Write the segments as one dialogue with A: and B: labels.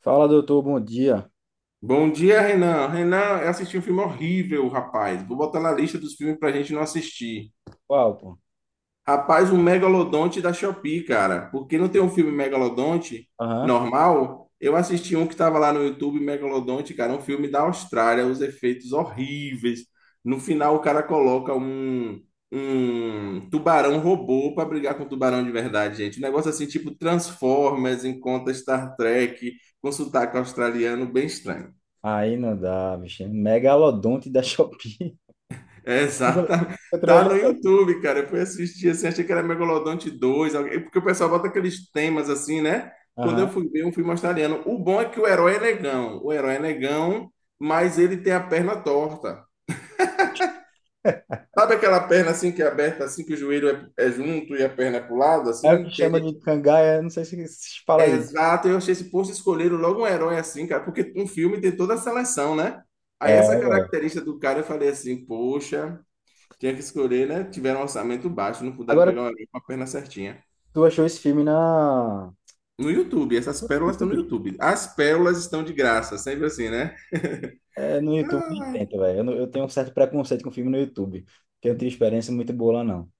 A: Fala, doutor, bom dia.
B: Bom dia, Renan. Renan, eu assisti um filme horrível, rapaz. Vou botar na lista dos filmes pra gente não assistir.
A: Qual, pô?
B: Rapaz, um Megalodonte da Shopee, cara. Porque não tem um filme Megalodonte
A: Aham.
B: normal? Eu assisti um que tava lá no YouTube, Megalodonte, cara, um filme da Austrália, os efeitos horríveis. No final, o cara coloca um tubarão robô pra brigar com o tubarão de verdade, gente. Um negócio assim, tipo Transformers, encontra Star Trek, com sotaque australiano, bem estranho.
A: Aí não dá, bicho. Megalodonte da Shopee.
B: É, exatamente.
A: Encontrou
B: Tá
A: ele
B: no
A: agora.
B: YouTube, cara. Eu fui assistir assim, achei que era Megalodonte 2 porque o pessoal bota aqueles temas assim, né? Quando eu
A: Aham.
B: fui ver um filme australiano. O bom é que o herói é negão. O herói é negão, mas ele tem a perna torta. Sabe aquela perna assim que é aberta, assim, que o joelho é junto e a perna é pro lado,
A: É o que
B: assim? Tem
A: chama
B: gente.
A: de cangaia, não sei se fala aí.
B: Exato, eu achei esse posto escolheram logo um herói assim, cara, porque um filme tem toda a seleção, né? Aí
A: É,
B: essa
A: velho.
B: característica do cara eu falei assim, poxa. Tinha que escolher, né? Tiveram um orçamento baixo, não puderam
A: Agora,
B: pegar o elenco com a perna certinha.
A: tu achou esse filme na...
B: No YouTube, essas pérolas estão no YouTube. As pérolas estão de graça, sempre assim, né?
A: É, no YouTube nem
B: Ah,
A: tenta, velho. Eu, não- Eu tenho um certo preconceito com filme no YouTube, porque eu não tenho experiência muito boa lá, não.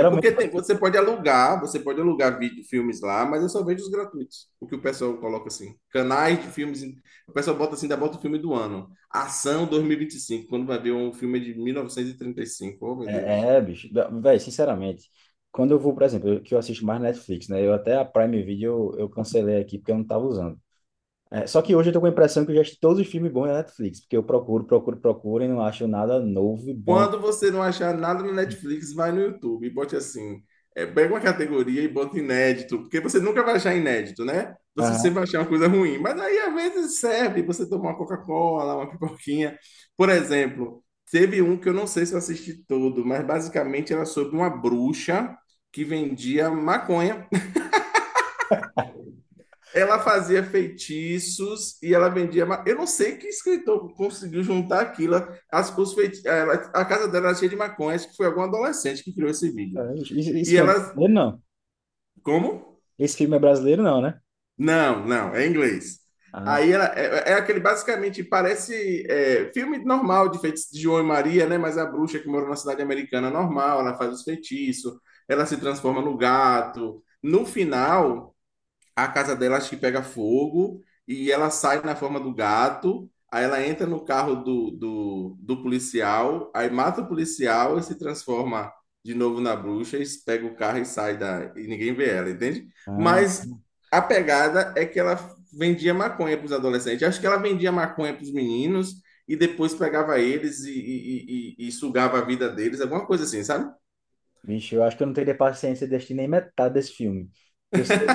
B: é porque você pode alugar vídeo, filmes lá, mas eu só vejo os gratuitos. O que o pessoal coloca assim. Canais de filmes. O pessoal bota assim, ainda bota o filme do ano. Ação dois mil e vinte e cinco quando vai ver um filme de mil novecentos e trinta e cinco. Oh, meu Deus.
A: é, é bicho. Velho, sinceramente, quando eu vou, por exemplo, que eu assisto mais Netflix, né? Eu até a Prime Video eu cancelei aqui porque eu não tava usando. É, só que hoje eu tô com a impressão que eu já assisti todos os filmes bons na Netflix, porque eu procuro, procuro, procuro e não acho nada novo e bom.
B: Quando você não achar nada no Netflix, vai no YouTube e bote assim. Pega uma categoria e bota inédito, porque você nunca vai achar inédito, né? Você sempre
A: Aham.
B: vai achar uma coisa ruim. Mas aí às vezes serve você tomar uma Coca-Cola, uma pipoquinha. Por exemplo, teve um que eu não sei se eu assisti todo, mas basicamente era sobre uma bruxa que vendia maconha. Ela fazia feitiços e ela vendia. Eu não sei que escritor conseguiu juntar aquilo. As, os feiti... eh, ela, A casa dela era cheia de maconha, acho que foi algum adolescente que criou esse vídeo.
A: É, esse
B: E
A: filme é
B: ela.
A: brasileiro, não.
B: Como?
A: Esse filme é brasileiro, não, né?
B: Não, não, é em inglês.
A: Ah,
B: Aí ela é aquele basicamente parece filme normal de feitiço de João e Maria, né? Mas a bruxa que mora na cidade americana normal, ela faz os feitiços, ela se transforma no gato. No final, a casa dela acho que pega fogo e ela sai na forma do gato. Aí ela entra no carro do policial, aí mata o policial e se transforma de novo na bruxa, e pega o carro e sai da. E ninguém vê ela, entende?
A: ah,
B: Mas a pegada é que ela vendia maconha para os adolescentes. Acho que ela vendia maconha para os meninos e depois pegava eles e sugava a vida deles, alguma coisa assim, sabe?
A: bicho, eu acho que eu não teria paciência de assistir nem metade desse filme. Porque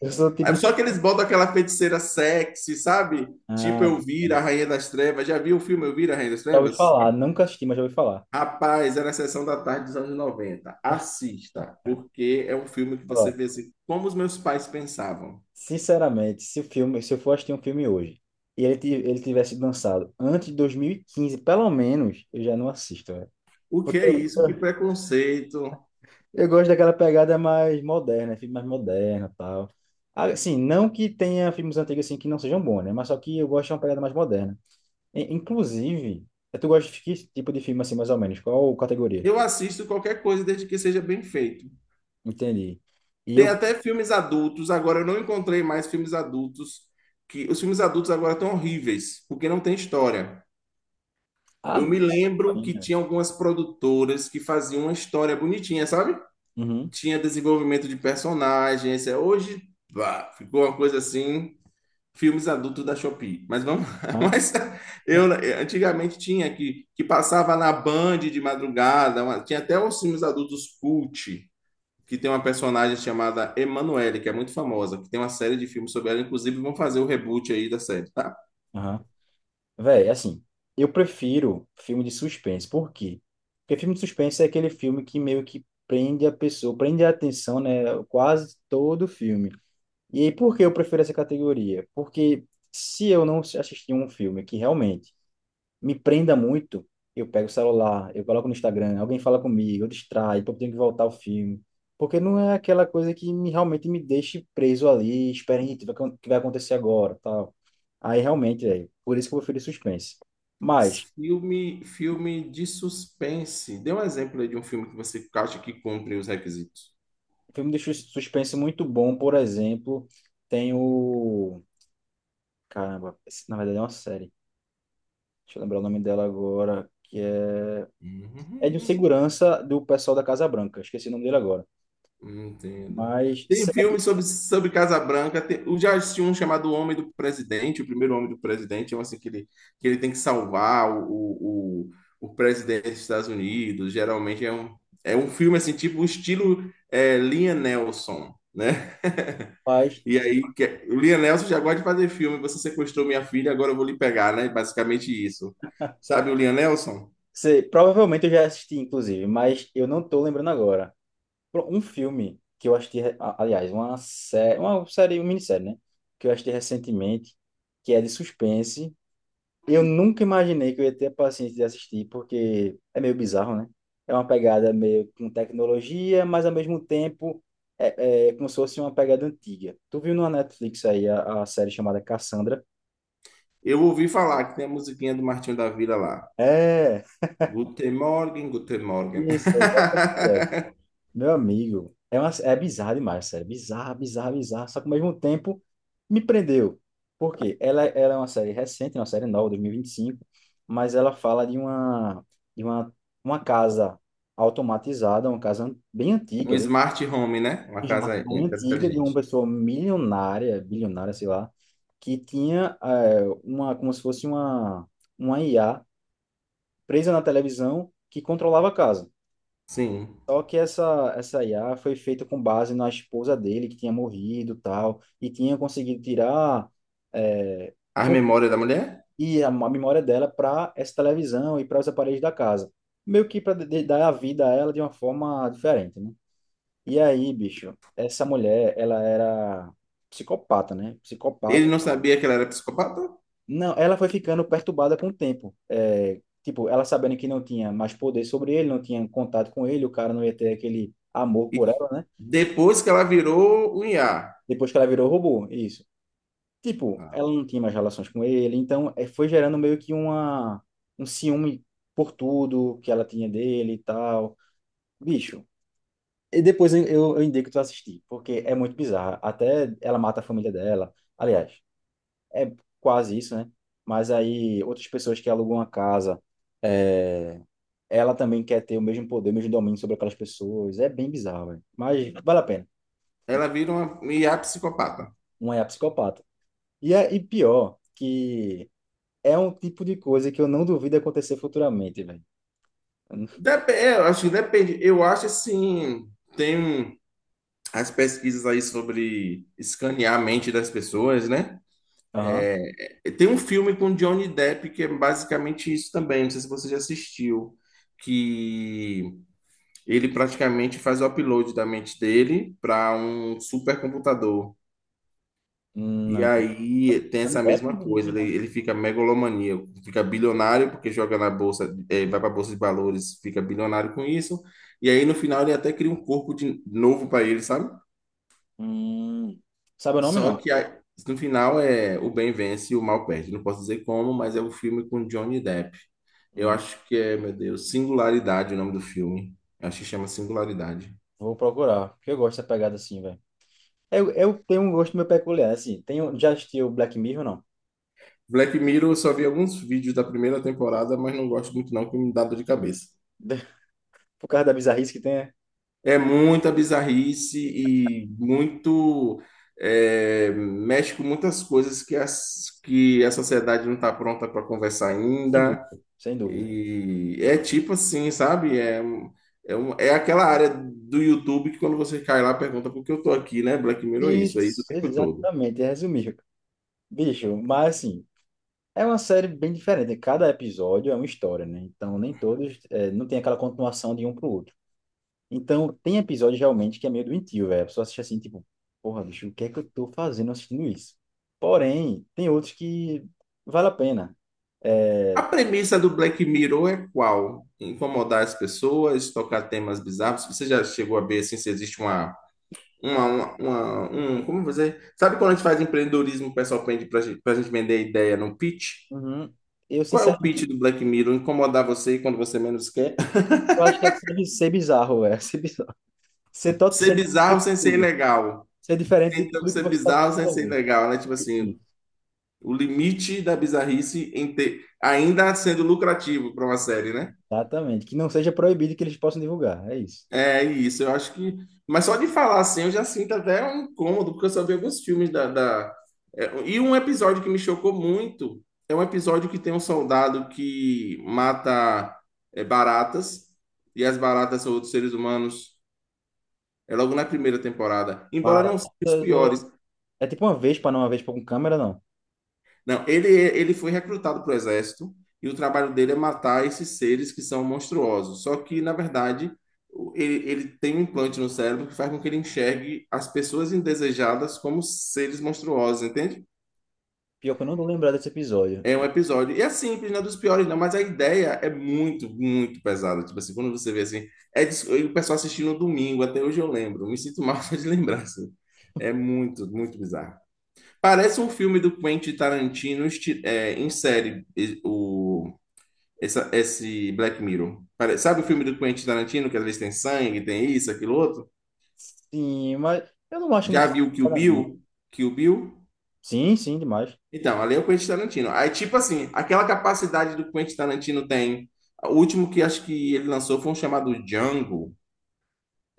A: eu sou o tipo de...
B: Só que eles botam aquela feiticeira sexy, sabe? Tipo
A: Ah,
B: Elvira, a Rainha das Trevas. Já viu o filme Elvira, a Rainha das
A: já ouvi
B: Trevas?
A: falar, nunca assisti, mas já ouvi falar.
B: Rapaz, era a sessão da tarde dos anos 90. Assista, porque é um filme que você
A: Ó,
B: vê assim, como os meus pais pensavam.
A: sinceramente, se o filme, se eu for assistir um filme hoje e ele, ele tivesse lançado antes de 2015, pelo menos, eu já não assisto, velho.
B: O que
A: Porque
B: é
A: eu,
B: isso? Que preconceito.
A: Eu gosto daquela pegada mais moderna, filme mais moderno, tal. Ah, assim, não que tenha filmes antigos assim que não sejam bons, né? Mas só que eu gosto de uma pegada mais moderna. Inclusive, tu gosta de que tipo de filme assim, mais ou menos? Qual categoria?
B: Eu assisto qualquer coisa desde que seja bem feito.
A: Entendi. E
B: Tem
A: eu
B: até filmes adultos, agora eu não encontrei mais filmes adultos que os filmes adultos agora estão horríveis, porque não tem história.
A: ah,
B: Eu me lembro que
A: né?
B: tinha algumas produtoras que faziam uma história bonitinha, sabe?
A: Uhum.
B: Tinha desenvolvimento de personagens. É, hoje, pá, ficou uma coisa assim, filmes adultos da Shopee. Mas vamos lá.
A: Ah,
B: Mas eu antigamente tinha que passava na Band de madrugada, tinha até os filmes adultos cult, que tem uma personagem chamada Emanuele, que é muito famosa, que tem uma série de filmes sobre ela, inclusive vão fazer o reboot aí da série. Tá?
A: aham. Véi, assim, eu prefiro filme de suspense. Por quê? Porque filme de suspense é aquele filme que meio que prende a pessoa, prende a atenção, né? Quase todo o filme. E aí, por que eu prefiro essa categoria? Porque se eu não assistir um filme que realmente me prenda muito, eu pego o celular, eu coloco no Instagram, alguém fala comigo, eu distraio, então eu tenho que voltar ao filme. Porque não é aquela coisa que me, realmente me deixe preso ali, esperando o que vai acontecer agora, tal. Aí, realmente, é por isso que eu prefiro suspense. Mas,
B: Filme de suspense. Dê um exemplo aí de um filme que você acha que cumpre os requisitos.
A: filme de suspense muito bom, por exemplo, tem o... Caramba, esse, na verdade é uma série. Deixa eu lembrar o nome dela agora, que é...
B: Uhum.
A: É de um segurança do pessoal da Casa Branca. Esqueci o nome dele agora.
B: Entendo.
A: Mas,
B: Tem
A: sei lá,
B: filme sobre Casabranca. Tem, eu já assisti um chamado O Homem do Presidente, o primeiro Homem do Presidente, é um assim que ele, tem que salvar o presidente dos Estados Unidos. Geralmente é um filme assim, tipo o estilo Liam Nelson, né?
A: rapaz,
B: E aí, o Liam Neeson já gosta de fazer filme. Você sequestrou minha filha, agora eu vou lhe pegar, né? Basicamente isso. Sabe o Liam Neeson?
A: sei, provavelmente eu já assisti, inclusive, mas eu não tô lembrando agora. Um filme que eu assisti, aliás, uma minissérie, né? Que eu assisti recentemente, que é de suspense. Eu nunca imaginei que eu ia ter a paciência de assistir, porque é meio bizarro, né? É uma pegada meio com tecnologia, mas ao mesmo tempo é como se fosse uma pegada antiga. Tu viu na Netflix aí a série chamada Cassandra?
B: Eu ouvi falar que tem a musiquinha do Martinho da Vila lá.
A: É,
B: Guten Morgen, Guten Morgen.
A: isso, é exatamente essa. Meu amigo, é bizarro demais, sério. Bizarro, bizarro, bizarro. Só que ao mesmo tempo me prendeu. Por quê? Ela é uma série recente, uma série nova, 2025, mas ela fala de uma, uma casa automatizada, uma casa bem
B: Um
A: antiga,
B: smart home, né? Uma casa,
A: bem
B: uma casa
A: antiga, de uma
B: inteligente.
A: pessoa milionária, bilionária, sei lá, que tinha é, como se fosse uma IA presa na televisão que controlava a casa.
B: Sim.
A: Só que essa IA foi feita com base na esposa dele, que tinha morrido e tal, e tinha conseguido tirar é,
B: As
A: com-
B: memórias da mulher?
A: e a memória dela para essa televisão e para os aparelhos da casa. Meio que para dar a vida a ela de uma forma diferente, né? E aí, bicho, essa mulher, ela era psicopata, né?
B: Ele
A: Psicopata.
B: não sabia que ela era psicopata?
A: Não, ela foi ficando perturbada com o tempo. É, tipo, ela sabendo que não tinha mais poder sobre ele, não tinha contato com ele, o cara não ia ter aquele amor por
B: E
A: ela, né?
B: depois que ela virou um IA.
A: Depois que ela virou robô, isso. Tipo, ela não tinha mais relações com ele, então foi gerando meio que um ciúme por tudo que ela tinha dele e tal. Bicho. E depois eu indico tu assistir, porque é muito bizarro. Até ela mata a família dela. Aliás, é quase isso, né? Mas aí outras pessoas que alugam uma casa, eh, ela também quer ter o mesmo poder, o mesmo domínio sobre aquelas pessoas. É bem bizarro, velho. Mas vale a pena.
B: Ela vira uma IA psicopata.
A: Uma é a psicopata. E pior que é um tipo de coisa que eu não duvido acontecer futuramente, velho.
B: Dep É, eu acho que depende. Eu acho assim. Tem um. As pesquisas aí sobre escanear a mente das pessoas, né?
A: Aham.
B: Tem um filme com Johnny Depp que é basicamente isso também, não sei se você já assistiu, que ele praticamente faz o upload da mente dele para um supercomputador. E
A: Não.
B: aí tem
A: Johnny
B: essa
A: Depp, não
B: mesma coisa,
A: duvido,
B: ele,
A: não.
B: ele fica megalomaníaco, fica bilionário porque joga na bolsa, vai para a bolsa de valores, fica bilionário com isso. E aí no final ele até cria um corpo de novo para ele, sabe?
A: Hum. Sabe o nome,
B: Só
A: não?
B: que no final é o bem vence e o mal perde. Não posso dizer como, mas é o filme com Johnny Depp. Eu
A: Hum.
B: acho que é, meu Deus, Singularidade o nome do filme. Acho que chama Singularidade.
A: Vou procurar, porque eu gosto dessa pegada assim, velho. Eu tenho um gosto meio peculiar, assim. Tenho, já assistiu Black Mirror, não?
B: Black Mirror, eu só vi alguns vídeos da primeira temporada, mas não gosto muito não, que me dá dor de cabeça.
A: Por causa da bizarrice que tem, é?
B: É muita bizarrice e muito mexe com muitas coisas que a sociedade não está pronta para conversar
A: Sem
B: ainda.
A: dúvida, sem dúvida.
B: E é tipo assim, sabe? É aquela área do YouTube que quando você cai lá, pergunta por que eu tô aqui, né? Black Mirror é isso
A: Isso,
B: o tempo todo.
A: exatamente, é resumir. Bicho, mas assim, é uma série bem diferente, né? Cada episódio é uma história, né? Então, nem todos, é, não tem aquela continuação de um pro outro. Então, tem episódio realmente que é meio doentio, velho. A pessoa assiste assim, tipo, porra, bicho, o que é que eu tô fazendo assistindo isso? Porém, tem outros que vale a pena.
B: A
A: É,
B: premissa do Black Mirror é qual? Incomodar as pessoas, tocar temas bizarros. Você já chegou a ver assim, se existe uma, uma, uma, como você... Sabe quando a gente faz empreendedorismo, o pessoal pede pra gente, vender ideia no pitch?
A: uhum. Eu,
B: Qual é o pitch
A: sinceramente,
B: do Black Mirror? Incomodar você quando você menos quer?
A: eu acho que é ser bizarro, velho. Ser bizarro.
B: Ser
A: Ser diferente de
B: bizarro sem ser
A: tudo.
B: ilegal.
A: Ser diferente de
B: Tentando
A: tudo que
B: ser
A: você está
B: bizarro
A: acostumado
B: sem
A: a
B: ser
A: ver.
B: legal, né? Tipo assim,
A: Isso,
B: o limite da bizarrice em ter, ainda sendo lucrativo para uma série, né?
A: exatamente. Que não seja proibido, que eles possam divulgar. É isso.
B: É isso, eu acho que. Mas só de falar assim, eu já sinto até um incômodo, porque eu só vi alguns filmes. E um episódio que me chocou muito é um episódio que tem um soldado que mata baratas, e as baratas são outros seres humanos. É logo na primeira temporada. Embora não sejam os
A: Baratas ou...
B: piores,
A: É tipo uma vez para não uma vez para com câmera, não.
B: não, ele foi recrutado para o exército e o trabalho dele é matar esses seres que são monstruosos. Só que, na verdade, ele, ele tem um implante no cérebro que faz com que ele enxergue as pessoas indesejadas como seres monstruosos, entende?
A: Pior que eu não tô lembrado desse episódio.
B: É um episódio. E é simples, não é dos piores, não, mas a ideia é muito, muito pesada. Tipo assim, quando você vê assim, e o pessoal assistindo no domingo, até hoje eu lembro, me sinto mal só de lembrar, assim. É muito, muito bizarro. Parece um filme do Quentin Tarantino em série, esse Black Mirror. Sabe o filme do Quentin Tarantino, que às vezes tem sangue, tem isso, aquilo outro?
A: Sim, mas eu não acho muito
B: Já
A: essa
B: viu Kill
A: parada.
B: Bill? Kill Bill?
A: Sim, sim, demais.
B: Então, ali é o Quentin Tarantino. Aí, tipo assim, aquela capacidade do Quentin Tarantino tem. O último que acho que ele lançou foi um chamado Django,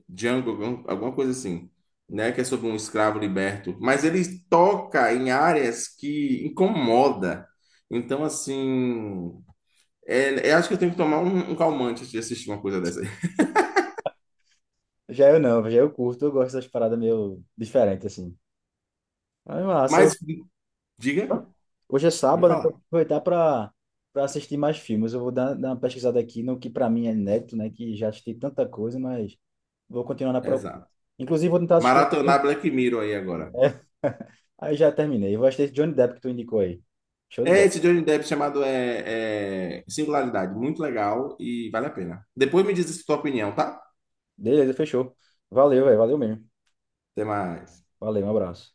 B: Alguma coisa assim, né? Que é sobre um escravo liberto. Mas ele toca em áreas que incomoda. Então, assim, é, eu acho que eu tenho que tomar um calmante antes de assistir uma coisa dessa aí.
A: Já eu não, já eu curto, eu gosto das paradas meio diferentes, assim. Mas massa, hoje,
B: Mas, diga,
A: hoje é
B: pode
A: sábado, né?
B: falar.
A: Vou aproveitar pra, pra assistir mais filmes. Eu vou dar uma pesquisada aqui no que pra mim é inédito, né? Que já assisti tanta coisa, mas vou continuar na procura.
B: Exato.
A: Inclusive, vou tentar assistir.
B: Maratonar Black Mirror aí agora.
A: É. Aí já terminei. Vou assistir Johnny Depp que tu indicou aí. Show de
B: É
A: bola.
B: esse Johnny Depp chamado Singularidade. Muito legal e vale a pena. Depois me diz a sua opinião, tá?
A: Beleza, fechou. Valeu, velho. Valeu mesmo.
B: Até mais.
A: Valeu, um abraço.